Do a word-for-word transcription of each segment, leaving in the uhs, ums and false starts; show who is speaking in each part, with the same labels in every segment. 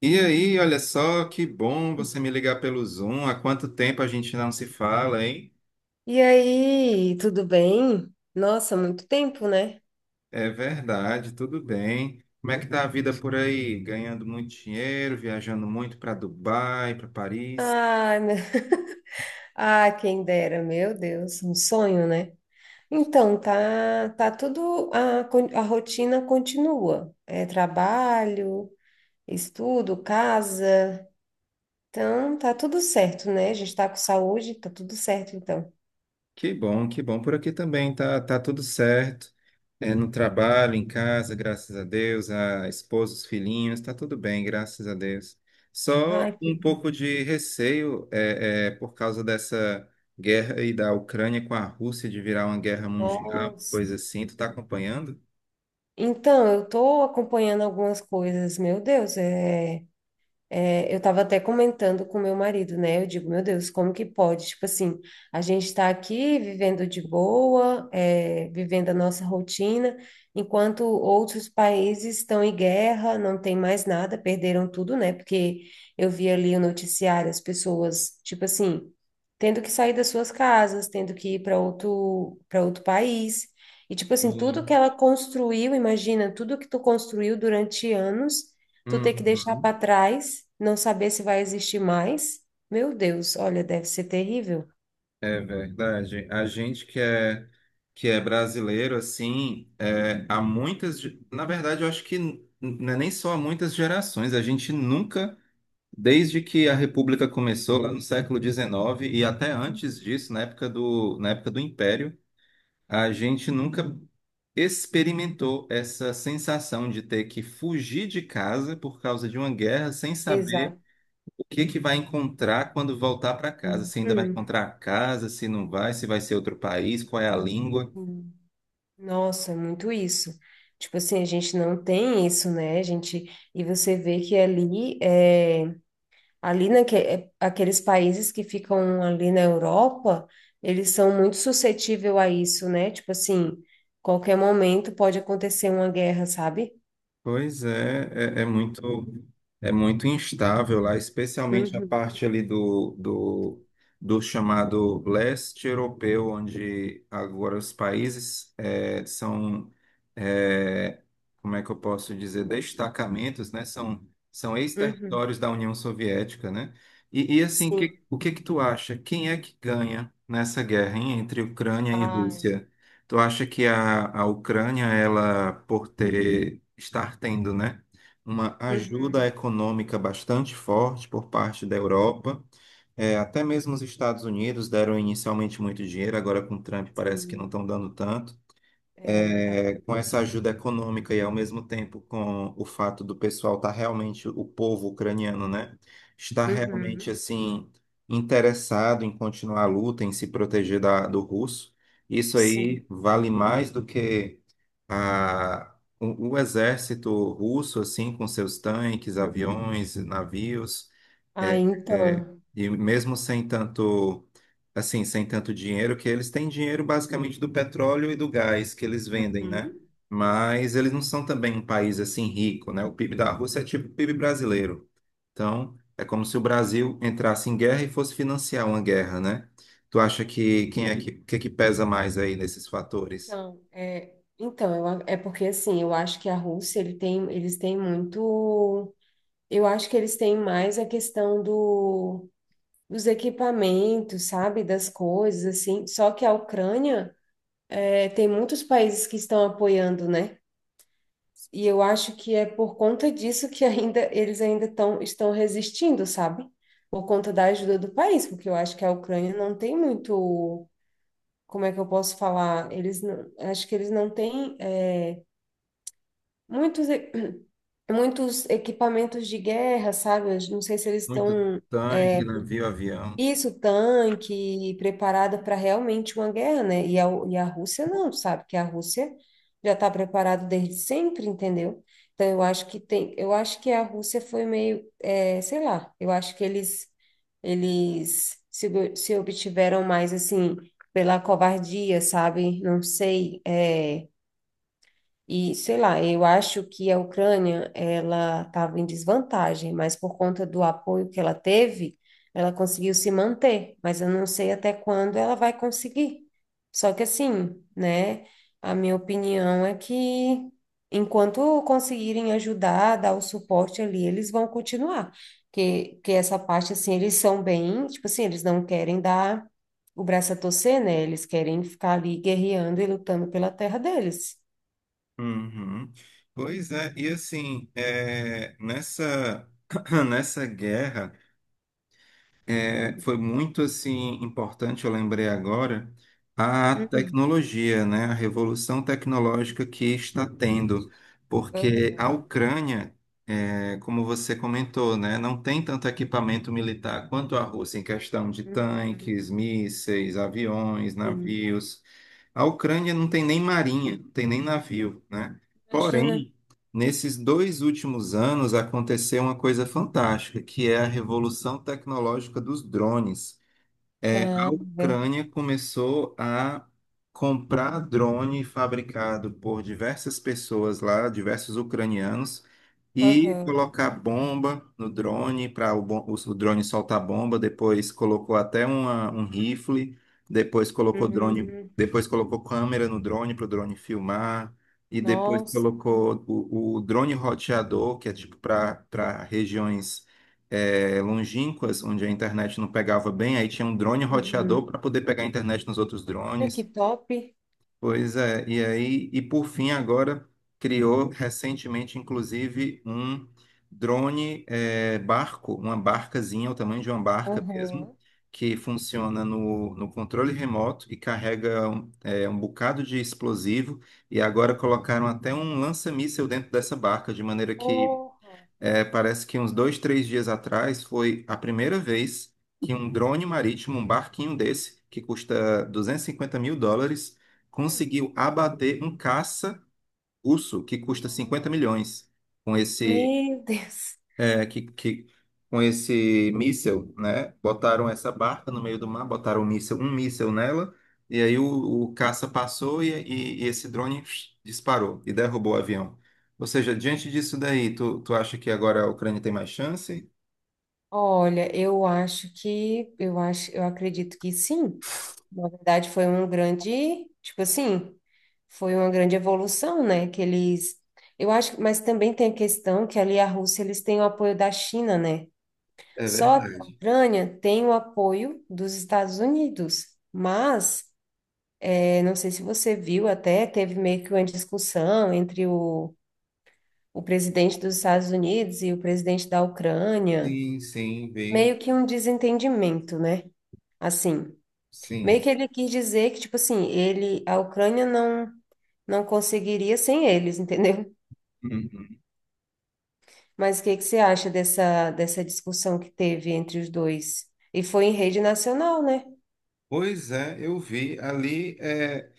Speaker 1: E aí, olha só, que bom você me ligar pelo Zoom. Há quanto tempo a gente não se fala, hein?
Speaker 2: E aí, tudo bem? Nossa, muito tempo, né?
Speaker 1: É verdade, tudo bem. Como é que tá a vida por aí? Ganhando muito dinheiro, viajando muito para Dubai, para Paris.
Speaker 2: Ai, meu... Ah, quem dera, meu Deus, um sonho, né? Então, tá, tá tudo, a, con- a rotina continua. É trabalho, estudo, casa. Então, tá tudo certo, né? A gente tá com saúde, tá tudo certo, então.
Speaker 1: Que bom, que bom. Por aqui também tá, tá tudo certo. É, no trabalho, em casa, graças a Deus, a esposa, os filhinhos, está tudo bem, graças a Deus.
Speaker 2: Ai,
Speaker 1: Só
Speaker 2: que...
Speaker 1: um pouco de receio é, é, por causa dessa guerra aí da Ucrânia com a Rússia de virar uma guerra mundial,
Speaker 2: Nossa.
Speaker 1: coisa assim. Tu está acompanhando?
Speaker 2: Então, eu tô acompanhando algumas coisas, meu Deus, é... É, eu estava até comentando com meu marido, né? Eu digo, meu Deus, como que pode? Tipo assim, a gente está aqui vivendo de boa, é, vivendo a nossa rotina, enquanto outros países estão em guerra, não tem mais nada, perderam tudo, né? Porque eu vi ali o noticiário, as pessoas, tipo assim, tendo que sair das suas casas, tendo que ir para outro, para outro país. E, tipo assim, tudo que
Speaker 1: Sim.
Speaker 2: ela construiu, imagina, tudo que tu construiu durante anos tu ter que deixar
Speaker 1: Uhum.
Speaker 2: para trás, não saber se vai existir mais. Meu Deus, olha, deve ser terrível.
Speaker 1: É verdade. A gente que é, que é, brasileiro, assim, é, há muitas. ge- Na verdade, eu acho que n- não é nem só há muitas gerações, a gente nunca. Desde que a República começou lá no século dezenove e até antes disso, na época do, na época do Império, a gente nunca experimentou essa sensação de ter que fugir de casa por causa de uma guerra sem saber
Speaker 2: Exato.
Speaker 1: o que que vai encontrar quando voltar para casa, se ainda vai
Speaker 2: Uhum.
Speaker 1: encontrar a casa, se não vai, se vai ser outro país, qual é a língua.
Speaker 2: Uhum. Nossa, é muito isso. Tipo assim, a gente não tem isso, né? A gente, e você vê que ali, é, ali naque, é, aqueles países que ficam ali na Europa, eles são muito suscetíveis a isso, né? Tipo assim, qualquer momento pode acontecer uma guerra, sabe?
Speaker 1: Pois é, é, é muito é muito instável lá, especialmente a
Speaker 2: Uhum,
Speaker 1: parte ali do, do, do chamado leste europeu, onde agora os países eh, são, eh, como é que eu posso dizer, destacamentos, né? São, são
Speaker 2: uhum,
Speaker 1: ex-territórios da União Soviética, né? E, e assim,
Speaker 2: sim.
Speaker 1: que, o que que tu acha? Quem é que ganha nessa guerra, hein, entre Ucrânia e
Speaker 2: Ai,
Speaker 1: Rússia? Tu acha que a, a Ucrânia, ela, por ter, estar tendo, né, uma ajuda
Speaker 2: uhum.
Speaker 1: econômica bastante forte por parte da Europa, é, até mesmo os Estados Unidos deram inicialmente muito dinheiro, agora com Trump parece que não
Speaker 2: Sim,
Speaker 1: estão dando tanto.
Speaker 2: é, não tá.
Speaker 1: É, com essa ajuda econômica e ao mesmo tempo com o fato do pessoal estar realmente, o povo ucraniano, né, está realmente
Speaker 2: Uhum,
Speaker 1: assim interessado em continuar a luta, em se proteger da, do russo. Isso
Speaker 2: sim.
Speaker 1: aí vale mais do que a, o, o exército russo, assim, com seus tanques, aviões, navios.
Speaker 2: Ah,
Speaker 1: É, é,
Speaker 2: então.
Speaker 1: e mesmo sem tanto, assim, sem tanto dinheiro, que eles têm dinheiro basicamente do petróleo e do gás que eles vendem, né?
Speaker 2: Uhum.
Speaker 1: Mas eles não são também um país assim rico, né? O P I B da Rússia é tipo o P I B brasileiro. Então, é como se o Brasil entrasse em guerra e fosse financiar uma guerra, né? Tu acha que quem é que, que, é que pesa mais aí nesses fatores?
Speaker 2: Então, é, então eu, a- é porque assim, eu acho que a Rússia, ele tem, eles têm muito. Eu acho que eles têm mais a questão do, dos equipamentos, sabe? Das coisas, assim. Só que a Ucrânia, é, tem muitos países que estão apoiando, né? E eu acho que é por conta disso que ainda eles ainda tão, estão resistindo, sabe? Por conta da ajuda do país, porque eu acho que a Ucrânia não tem muito, como é que eu posso falar? Eles não, acho que eles não têm é, muitos e- muitos equipamentos de guerra, sabe? Eu não sei se eles
Speaker 1: Muito
Speaker 2: estão.
Speaker 1: tanque, navio, avião.
Speaker 2: Isso, tanque, preparada para realmente uma guerra, né? E a, e a Rússia não, tu sabe? Que a Rússia já está preparada desde sempre, entendeu? Então, eu acho que tem, eu acho que a Rússia foi meio, é, sei lá, eu acho que eles eles se, se obtiveram mais assim pela covardia, sabe? Não sei, é, e, sei lá, eu acho que a Ucrânia, ela estava em desvantagem, mas por conta do apoio que ela teve, ela conseguiu se manter, mas eu não sei até quando ela vai conseguir. Só que assim, né, a minha opinião é que enquanto conseguirem ajudar, dar o suporte ali, eles vão continuar. Que, que essa parte, assim, eles são bem, tipo assim, eles não querem dar o braço a torcer, né? Eles querem ficar ali guerreando e lutando pela terra deles.
Speaker 1: Uhum. Pois é, e assim, é, nessa, nessa guerra, é, foi muito assim importante, eu lembrei agora, a
Speaker 2: Uhum.
Speaker 1: tecnologia, né, a revolução tecnológica que está tendo,
Speaker 2: Verdade.
Speaker 1: porque a
Speaker 2: Aham.
Speaker 1: Ucrânia, é, como você comentou, né, não tem tanto equipamento militar quanto a Rússia em questão de
Speaker 2: Uhum,
Speaker 1: tanques, mísseis, aviões,
Speaker 2: sim.
Speaker 1: navios. A Ucrânia não tem nem marinha, não tem nem navio, né?
Speaker 2: Imagina.
Speaker 1: Porém, nesses dois últimos anos aconteceu uma coisa fantástica, que é a revolução tecnológica dos drones. É, a
Speaker 2: Ah, verdade.
Speaker 1: Ucrânia começou a comprar drone fabricado por diversas pessoas lá, diversos ucranianos, e
Speaker 2: Aham.
Speaker 1: colocar bomba no drone para o, bom- o drone soltar bomba. Depois colocou até uma- um rifle, depois colocou drone,
Speaker 2: Uhum,
Speaker 1: depois colocou câmera no drone para o drone filmar. E depois
Speaker 2: Nossa.
Speaker 1: colocou o, o drone roteador, que é tipo para para regiões é, longínquas, onde a internet não pegava bem, aí tinha um drone roteador
Speaker 2: uhum.
Speaker 1: para poder pegar a internet nos outros
Speaker 2: Olha que
Speaker 1: drones.
Speaker 2: top.
Speaker 1: Pois é, e aí, e por fim, agora criou recentemente, inclusive, um drone, é, barco, uma barcazinha, o tamanho de uma barca mesmo,
Speaker 2: Aham.
Speaker 1: que funciona no, no controle remoto e carrega um, é, um bocado de explosivo. E agora colocaram até um lança-míssil dentro dessa barca, de maneira que,
Speaker 2: Porra.
Speaker 1: é, parece que uns dois, três dias atrás foi a primeira vez que um drone marítimo, um barquinho desse, que custa duzentos e cinquenta mil dólares, conseguiu abater um caça russo que custa cinquenta
Speaker 2: Nossa.
Speaker 1: milhões. Com esse
Speaker 2: Meu Deus.
Speaker 1: né, que, que com esse míssel, né, botaram essa barca no meio do mar, botaram um míssel, um míssel nela, e aí o, o caça passou e, e- e esse drone disparou e derrubou o avião. Ou seja, diante disso daí, tu, tu acha que agora a Ucrânia tem mais chance?
Speaker 2: Olha, eu acho que eu acho, eu acredito que sim. Na verdade, foi um grande, tipo assim, foi uma grande evolução, né? Que eles, eu acho, mas também tem a questão que ali a Rússia eles têm o apoio da China, né?
Speaker 1: É
Speaker 2: Só que a
Speaker 1: verdade.
Speaker 2: Ucrânia tem o apoio dos Estados Unidos. Mas, eh, não sei se você viu, até teve meio que uma discussão entre o, o presidente dos Estados Unidos e o presidente da Ucrânia,
Speaker 1: Sim, sim, vi,
Speaker 2: meio que um desentendimento, né? Assim, meio
Speaker 1: sim.
Speaker 2: que ele quis dizer que, tipo assim, ele, a Ucrânia não, não conseguiria sem eles, entendeu?
Speaker 1: Uhum.
Speaker 2: Mas o que que você acha dessa, dessa discussão que teve entre os dois? E foi em rede nacional, né?
Speaker 1: Pois é, eu vi ali. é,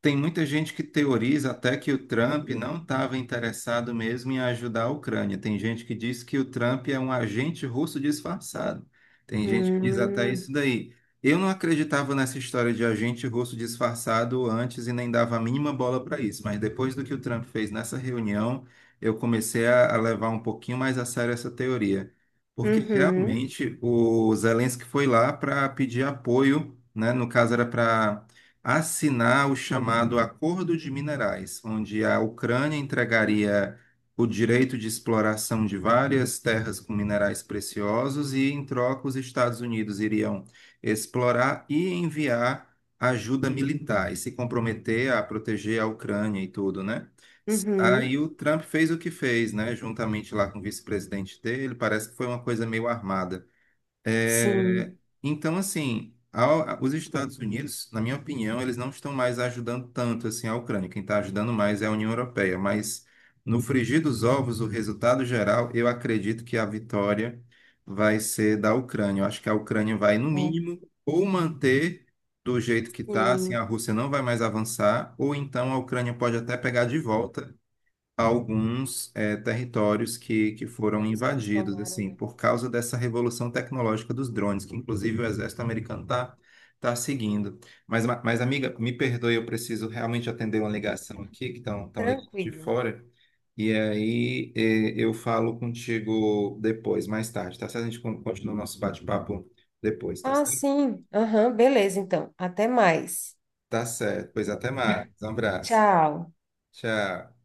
Speaker 1: Tem muita gente que teoriza até que o Trump não estava interessado mesmo em ajudar a Ucrânia. Tem gente que diz que o Trump é um agente russo disfarçado. Tem gente que diz até isso
Speaker 2: Hum,
Speaker 1: daí. Eu não acreditava nessa história de agente russo disfarçado antes e nem dava a mínima bola para isso, mas depois do que o Trump fez nessa reunião, eu comecei a a levar um pouquinho mais a sério essa teoria. Porque
Speaker 2: uhum,
Speaker 1: realmente o Zelensky foi lá para pedir apoio, né? No caso era para assinar o chamado Acordo de Minerais, onde a Ucrânia entregaria o direito de exploração de várias terras com minerais preciosos e, em troca, os Estados Unidos iriam explorar e enviar ajuda militar e se comprometer a proteger a Ucrânia e tudo, né? Aí
Speaker 2: uhum,
Speaker 1: o Trump fez o que fez, né? Juntamente lá com o vice-presidente dele, parece que foi uma coisa meio armada. É,
Speaker 2: sim,
Speaker 1: então, assim, a- os Estados Unidos, na minha opinião, eles não estão mais ajudando tanto assim a Ucrânia. Quem está ajudando mais é a União Europeia. Mas no frigir dos ovos, o resultado geral, eu acredito que a vitória vai ser da Ucrânia. Eu acho que a Ucrânia vai, no
Speaker 2: é,
Speaker 1: mínimo, ou manter do jeito que está, assim, a
Speaker 2: sim.
Speaker 1: Rússia não vai mais avançar, ou então a Ucrânia pode até pegar de volta alguns eh, territórios que, que foram
Speaker 2: Territórios que eles
Speaker 1: invadidos,
Speaker 2: tomaram,
Speaker 1: assim,
Speaker 2: né?
Speaker 1: por causa dessa revolução tecnológica dos drones, que inclusive o exército americano está tá tá seguindo. Mas, ma- mas, amiga, me perdoe, eu preciso realmente atender uma ligação aqui, que estão tão tão ligando de
Speaker 2: Tranquilo.
Speaker 1: fora, e aí eh, eu falo contigo depois, mais tarde, tá certo? A gente con- continua o nosso bate-papo depois, tá
Speaker 2: Ah,
Speaker 1: certo?
Speaker 2: sim. Aham, beleza, então. Até mais.
Speaker 1: Tá certo, pois até mais, um abraço,
Speaker 2: Tchau.
Speaker 1: tchau.